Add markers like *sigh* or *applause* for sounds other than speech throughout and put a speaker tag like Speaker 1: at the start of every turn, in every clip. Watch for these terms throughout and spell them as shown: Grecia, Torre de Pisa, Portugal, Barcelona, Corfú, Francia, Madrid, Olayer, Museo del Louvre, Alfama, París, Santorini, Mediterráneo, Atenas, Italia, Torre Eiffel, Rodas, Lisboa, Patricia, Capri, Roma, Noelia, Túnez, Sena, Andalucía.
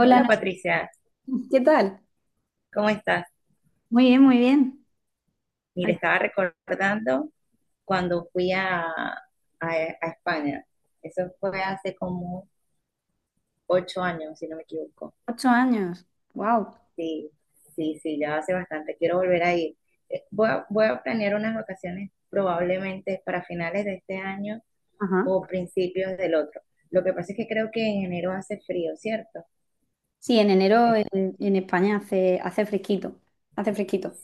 Speaker 1: Hola Patricia,
Speaker 2: Noelia. ¿Qué tal?
Speaker 1: ¿cómo estás?
Speaker 2: Muy bien, muy bien.
Speaker 1: Mira,
Speaker 2: Ay,
Speaker 1: estaba recordando cuando fui a España. Eso fue hace como 8 años, si no me equivoco.
Speaker 2: 8 años. Wow.
Speaker 1: Sí, sí, sí, ya hace bastante. Quiero volver a ir. Voy a planear unas vacaciones probablemente para finales de este año
Speaker 2: Ajá.
Speaker 1: o principios del otro. Lo que pasa es que creo que en enero hace frío, ¿cierto?
Speaker 2: Sí, en enero en España hace fresquito. Hace fresquito.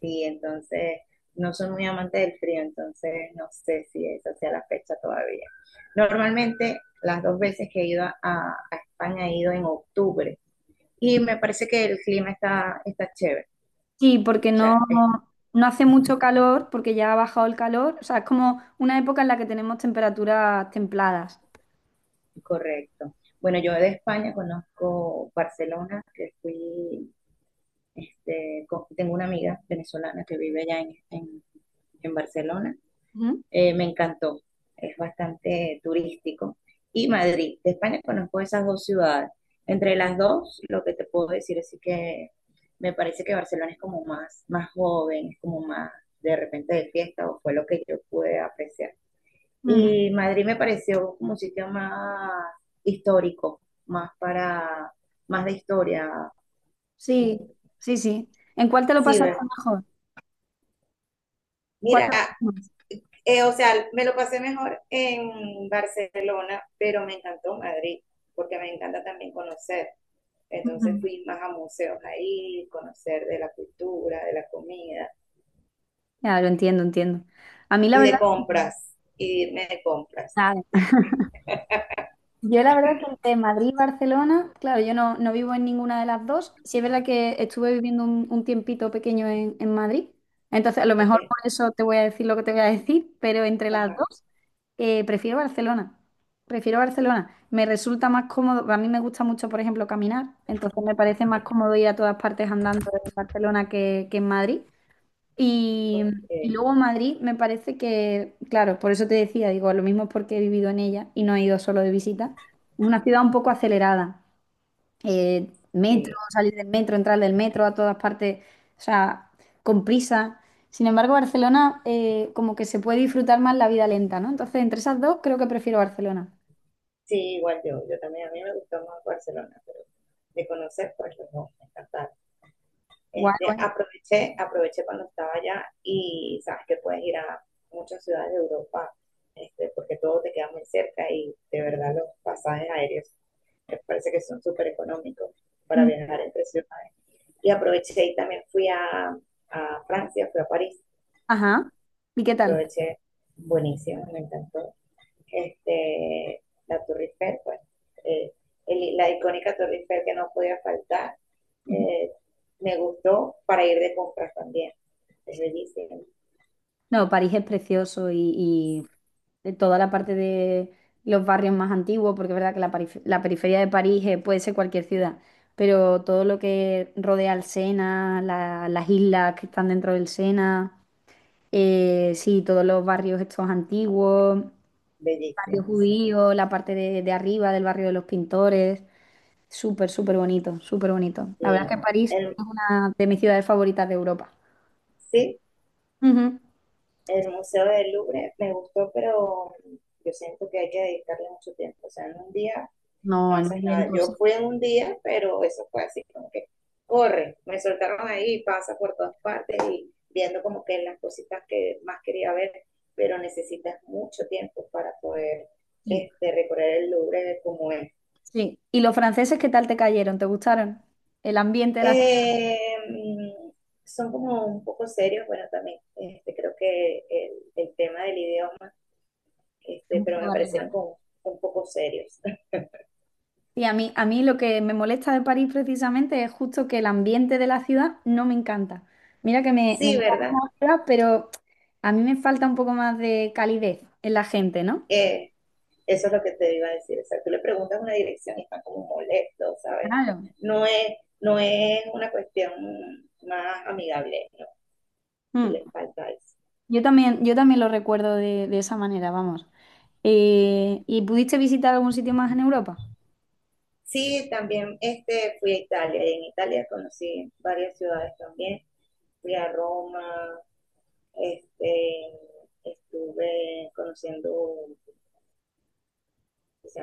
Speaker 1: Sí, entonces no soy muy amante del frío, entonces no sé si esa sea la fecha todavía. Normalmente las dos veces que he ido a España he ido en octubre y me parece que el clima está chévere,
Speaker 2: Sí, porque
Speaker 1: o
Speaker 2: no,
Speaker 1: sea, es
Speaker 2: no hace mucho calor, porque ya ha bajado el calor. O sea, es como una época en la que tenemos temperaturas templadas.
Speaker 1: correcto. Bueno, yo de España conozco Barcelona, que fui, tengo una amiga venezolana que vive allá en Barcelona,
Speaker 2: Ujú.
Speaker 1: me encantó, es bastante turístico. Y Madrid, de España conozco esas dos ciudades. Entre las dos, lo que te puedo decir es que me parece que Barcelona es como más joven, es como más de repente de fiesta, o fue lo que yo pude apreciar.
Speaker 2: Ujú.
Speaker 1: Y Madrid me pareció como un sitio más histórico, más para, más de historia, como
Speaker 2: Sí,
Speaker 1: un
Speaker 2: sí, sí. ¿En cuál te lo pasaste
Speaker 1: ciber.
Speaker 2: mejor? ¿Cuál
Speaker 1: Mira,
Speaker 2: te gustó más?
Speaker 1: Me lo pasé mejor en Barcelona, pero me encantó Madrid, porque me encanta también conocer.
Speaker 2: Ujú.
Speaker 1: Entonces fui más a museos ahí, conocer de la cultura, de la comida
Speaker 2: Ya, lo entiendo, entiendo. A mí la
Speaker 1: y
Speaker 2: verdad,
Speaker 1: de compras, y irme de compras.
Speaker 2: nada. Yo la verdad que entre Madrid y Barcelona, claro, yo no vivo en ninguna de las dos. Sí es verdad que estuve viviendo un tiempito pequeño en Madrid, entonces a lo
Speaker 1: ¿Ok?
Speaker 2: mejor por eso te voy a decir lo que te voy a decir, pero entre las
Speaker 1: Ajá.
Speaker 2: dos prefiero Barcelona. Prefiero Barcelona. Me resulta más cómodo, a mí me gusta mucho, por ejemplo, caminar, entonces me parece más cómodo ir a todas partes andando en Barcelona que en Madrid. Y, y
Speaker 1: Okay.
Speaker 2: luego Madrid me parece que, claro, por eso te decía, digo, lo mismo es porque he vivido en ella y no he ido solo de visita, es una ciudad un poco acelerada. Metro,
Speaker 1: Sí,
Speaker 2: salir del metro, entrar del metro a todas partes, o sea, con prisa. Sin embargo, Barcelona como que se puede disfrutar más la vida lenta, ¿no? Entonces, entre esas dos, creo que prefiero Barcelona.
Speaker 1: igual yo también, a mí me gustó más Barcelona, pero de conocer, pues no, me encantaron.
Speaker 2: Guay, guay.
Speaker 1: Aproveché cuando estaba allá y sabes que puedes ir a muchas ciudades de Europa, porque todo te queda muy cerca y de verdad los pasajes aéreos me parece que son súper económicos para
Speaker 2: Mm.
Speaker 1: viajar entre ciudades. Y aproveché y también a Francia, fui a París,
Speaker 2: Ajá. ¿Y qué tal?
Speaker 1: aproveché buenísimo, me encantó. La Torre Eiffel, eh, la icónica Torre Eiffel que no podía faltar,
Speaker 2: *laughs*
Speaker 1: eh, me gustó para ir de compras también. Es bellísimo,
Speaker 2: No, París es precioso y de toda la parte de los barrios más antiguos, porque es verdad que la periferia de París puede ser cualquier ciudad, pero todo lo que rodea el Sena, las islas que están dentro del Sena, sí, todos los barrios estos antiguos, barrio
Speaker 1: bellísimo, sí.
Speaker 2: judío, la parte de arriba del barrio de los pintores, súper, súper bonito, súper bonito. La verdad
Speaker 1: Sí.
Speaker 2: es que París
Speaker 1: El,
Speaker 2: es una de mis ciudades favoritas de Europa.
Speaker 1: sí,
Speaker 2: Ujú.
Speaker 1: el Museo del Louvre me gustó, pero yo siento que hay que dedicarle mucho tiempo. O sea, en un día no
Speaker 2: No, en un
Speaker 1: haces
Speaker 2: día
Speaker 1: nada. Yo
Speaker 2: imposible.
Speaker 1: fui en un día, pero eso fue así como que corre, me soltaron ahí, pasa por todas partes y viendo como que las cositas que más quería ver, pero necesitas mucho tiempo para poder recorrer el Louvre como es.
Speaker 2: Sí. ¿Y los franceses qué tal te cayeron? ¿Te gustaron? El ambiente de la ciudad
Speaker 1: Eh, mm, son como un poco serios, bueno, también este, creo que el tema del idioma,
Speaker 2: es
Speaker 1: este,
Speaker 2: un
Speaker 1: pero
Speaker 2: poco
Speaker 1: me
Speaker 2: barrera,
Speaker 1: parecieron
Speaker 2: ¿no?
Speaker 1: como un poco serios. *laughs*
Speaker 2: Sí, a mí lo que me molesta de París precisamente es justo que el ambiente de la ciudad no me encanta. Mira que me
Speaker 1: Sí,
Speaker 2: encanta
Speaker 1: ¿verdad?
Speaker 2: la ciudad, pero a mí me falta un poco más de calidez en la gente, ¿no?
Speaker 1: Eh, eso es lo que te iba a decir. O sea, tú le preguntas una dirección y están como molestos, ¿sabes?
Speaker 2: Claro.
Speaker 1: No es una cuestión más amigable, ¿no? Si les
Speaker 2: Mm.
Speaker 1: falta eso.
Speaker 2: Yo también lo recuerdo de esa manera, vamos. ¿Y pudiste visitar algún sitio más en Europa?
Speaker 1: Sí, también este, fui a Italia y en Italia conocí varias ciudades también. Fui a Roma. Este, estuve conociendo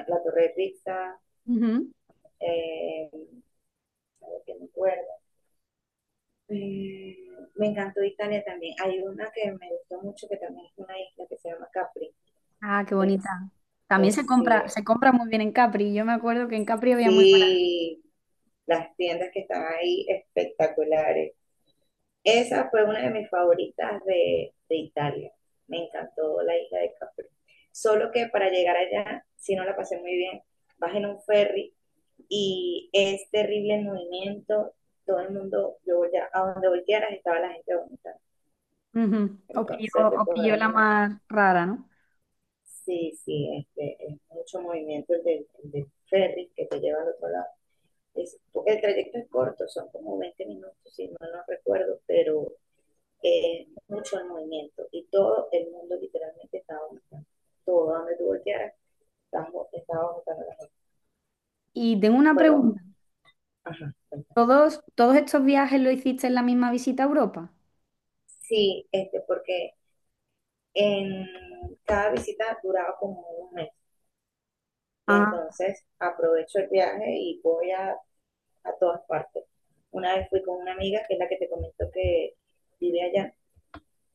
Speaker 1: la Torre de Pizza,
Speaker 2: Ujú.
Speaker 1: eh, que me acuerdo. Eh, me encantó Italia también. Hay una que me gustó mucho, que también es una isla que se llama Capri.
Speaker 2: Ah, qué
Speaker 1: Es,
Speaker 2: bonita. También
Speaker 1: es, sí, es-
Speaker 2: se compra muy bien en Capri. Yo me acuerdo que en Capri había muy
Speaker 1: sí, las tiendas que están ahí espectaculares. Esa fue una de mis favoritas de Italia. Me encantó la isla de Capri. Solo que para llegar allá, si no la pasé muy bien, vas en un ferry y es terrible el movimiento, todo el mundo, yo voltea, a donde voltearas estaba la gente vomitando,
Speaker 2: ujú.
Speaker 1: entonces te
Speaker 2: O pilló
Speaker 1: podrás
Speaker 2: la
Speaker 1: imaginar.
Speaker 2: más rara, ¿no?
Speaker 1: Sí, sí, es mucho movimiento el del ferry que te lleva al otro lado. Es- el trayecto es corto, son como 20 minutos, si no, no recuerdo, pero es mucho el movimiento y todo el mundo literalmente estaba vomitando. Todo donde tú voltearas, estaba vomitando la gente.
Speaker 2: Y tengo una
Speaker 1: Bueno,
Speaker 2: pregunta.
Speaker 1: ajá, cuenta.
Speaker 2: ¿Todos, todos estos viajes lo hiciste en la misma visita a Europa?
Speaker 1: Sí, este, porque En cada visita duraba como un mes y
Speaker 2: Ah,
Speaker 1: entonces aprovecho el viaje y a todas partes. Una vez fui con una amiga, que es la que te comentó que vive allá,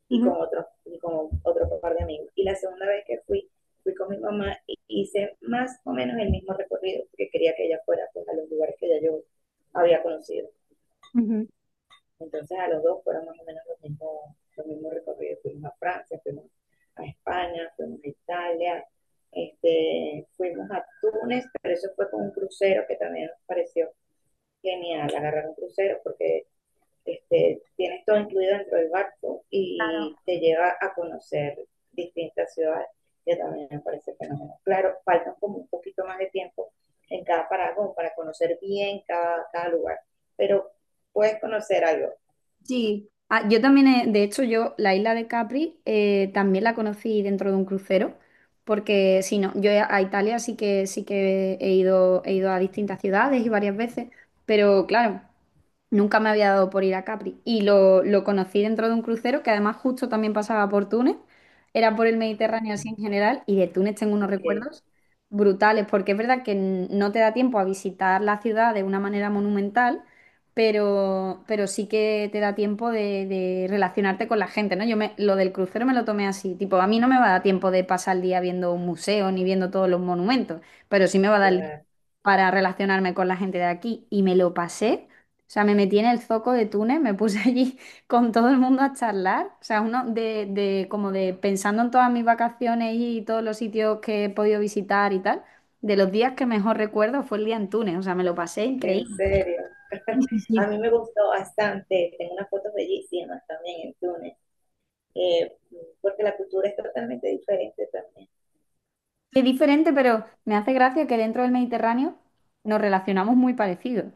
Speaker 1: y
Speaker 2: ujú,
Speaker 1: y con otro par de amigos. Y la segunda vez que fui, fui con mi mamá y hice más o menos el mismo recorrido, porque quería que ella fuera pues, a los lugares que ya yo había conocido.
Speaker 2: ujú.
Speaker 1: Entonces a los dos fueron más o menos los mismos recorridos. Fuimos a Francia, fuimos a España, fuimos a Italia, fuimos a Túnez, pero eso fue con un crucero que también nos pareció genial, agarrar un crucero porque tienes todo incluido dentro del barco y te lleva a conocer distintas ciudades, que también me parece fenomenal. Claro, faltan como un poquito más de tiempo en cada parada como para conocer bien cada lugar, pero puedes conocer algo.
Speaker 2: Sí. Ah, yo también, de hecho, yo la isla de Capri también la conocí dentro de un crucero, porque si no, yo a Italia sí que he ido a distintas ciudades y varias veces, pero claro. Nunca me había dado por ir a Capri y lo conocí dentro de un crucero que además justo también pasaba por Túnez, era por el Mediterráneo así en general y de Túnez tengo unos
Speaker 1: Ok,
Speaker 2: recuerdos brutales porque es verdad que no te da tiempo a visitar la ciudad de una manera monumental, pero sí que te da tiempo de relacionarte con la gente, ¿no? Lo del crucero me lo tomé así, tipo, a mí no me va a dar tiempo de pasar el día viendo un museo ni viendo todos los monumentos, pero sí me va a dar el
Speaker 1: claro.
Speaker 2: para relacionarme con la gente de aquí y me lo pasé, o sea, me metí en el zoco de Túnez, me puse allí *laughs* con todo el mundo a charlar. O sea, uno como de pensando en todas mis vacaciones y todos los sitios que he podido visitar y tal. De los días que mejor recuerdo fue el día en Túnez. O sea, me lo pasé
Speaker 1: En
Speaker 2: increíble.
Speaker 1: serio. *laughs* A mí me gustó bastante. Tengo unas fotos bellísimas también en Túnez, eh, porque la cultura es totalmente diferente también.
Speaker 2: Es diferente, pero me hace gracia que dentro del Mediterráneo nos relacionamos muy parecidos.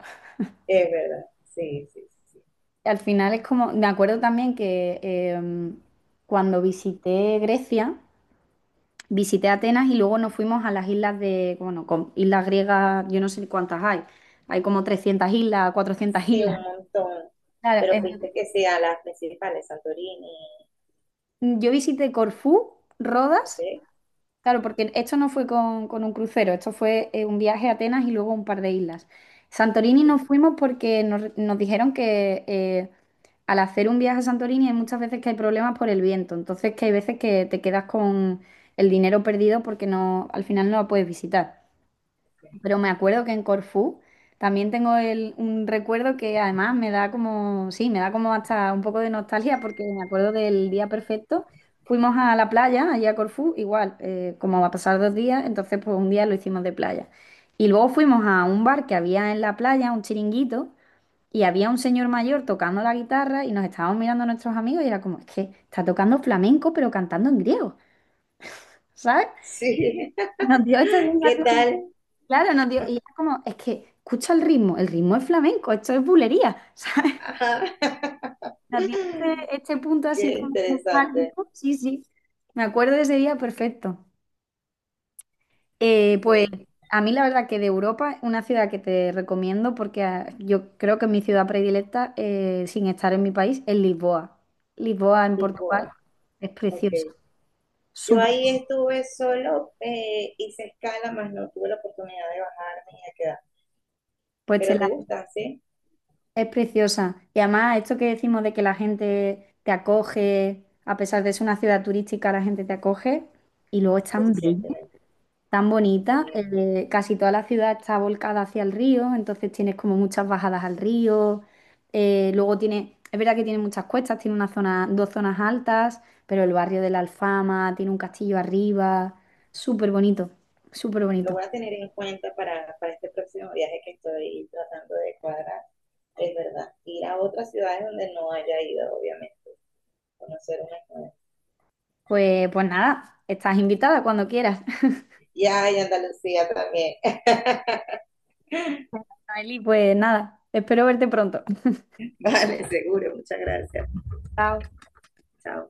Speaker 1: Es verdad, sí, sí, sí.
Speaker 2: Al final es como, me acuerdo también que em, cuando visité Grecia. Visité Atenas y luego nos fuimos a las islas de, bueno, con islas griegas, yo no sé cuántas hay. Hay como 300 islas, 400
Speaker 1: Sí,
Speaker 2: islas.
Speaker 1: un montón.
Speaker 2: Claro,
Speaker 1: Pero fuiste que sí a las principales, Santorini.
Speaker 2: yo visité Corfú,
Speaker 1: Ok,
Speaker 2: Rodas, claro, porque esto no fue con un crucero, esto fue un viaje a Atenas y luego un par de islas. Santorini
Speaker 1: ok.
Speaker 2: nos fuimos porque nos dijeron que al hacer un viaje a Santorini hay muchas veces que hay problemas por el viento, entonces que hay veces que te quedas con el dinero perdido porque no, al final no la puedes visitar. Pero me acuerdo que en Corfú también tengo un recuerdo que además me da como, sí, me da como hasta un poco de nostalgia porque me acuerdo del día perfecto. Fuimos a la playa, allí a Corfú, igual, como va a pasar 2 días, entonces pues un día lo hicimos de playa. Y luego fuimos a un bar que había en la playa, un chiringuito, y había un señor mayor tocando la guitarra y nos estábamos mirando a nuestros amigos y era como, es que está tocando flamenco pero cantando en griego, ¿sabes?
Speaker 1: Sí,
Speaker 2: Nos dio esta
Speaker 1: *laughs* ¿Qué
Speaker 2: sensación.
Speaker 1: tal?
Speaker 2: Claro, nos dio, y era como, es que escucha el ritmo es flamenco, esto es bulería, *laughs* ¿sabes?
Speaker 1: Ajá.
Speaker 2: Nos dio
Speaker 1: *laughs*
Speaker 2: este, este punto así
Speaker 1: Qué
Speaker 2: como
Speaker 1: interesante.
Speaker 2: nostálgico, sí, sí, me acuerdo de ese día perfecto. Pues
Speaker 1: Sí,
Speaker 2: a mí la verdad que de Europa, una ciudad que te recomiendo, porque ah, yo creo que mi ciudad predilecta, sin estar en mi país, es Lisboa. Lisboa en Portugal
Speaker 1: igual.
Speaker 2: es
Speaker 1: Ok.
Speaker 2: preciosa,
Speaker 1: Yo
Speaker 2: súper,
Speaker 1: ahí estuve solo, hice escala, más no tuve la oportunidad de bajarme y de quedar.
Speaker 2: pues te
Speaker 1: Pero
Speaker 2: la.
Speaker 1: te gustan, ¿sí?
Speaker 2: Es preciosa. Y además, esto que decimos de que la gente te acoge, a pesar de ser una ciudad turística, la gente te acoge. Y luego es
Speaker 1: Lo
Speaker 2: tan bella,
Speaker 1: siento, ¿eh?
Speaker 2: tan bonita.
Speaker 1: Porque
Speaker 2: Eh, casi toda la ciudad está volcada hacia el río, entonces tienes como muchas bajadas al río. Eh, luego tiene, es verdad que tiene muchas cuestas, tiene una zona, dos zonas altas, pero el barrio de la Alfama tiene un castillo arriba. Súper bonito, súper
Speaker 1: lo
Speaker 2: bonito.
Speaker 1: voy a tener en cuenta para este próximo viaje que estoy tratando de cuadrar. Es verdad, ir a otras ciudades donde no haya ido, obviamente, conocer unas nuevas.
Speaker 2: Pues, pues nada, estás invitada cuando quieras. *laughs*
Speaker 1: Y ay, Andalucía también.
Speaker 2: Noeli, pues nada, espero verte pronto.
Speaker 1: *laughs* Vale, seguro, muchas gracias.
Speaker 2: Chao.
Speaker 1: Chao.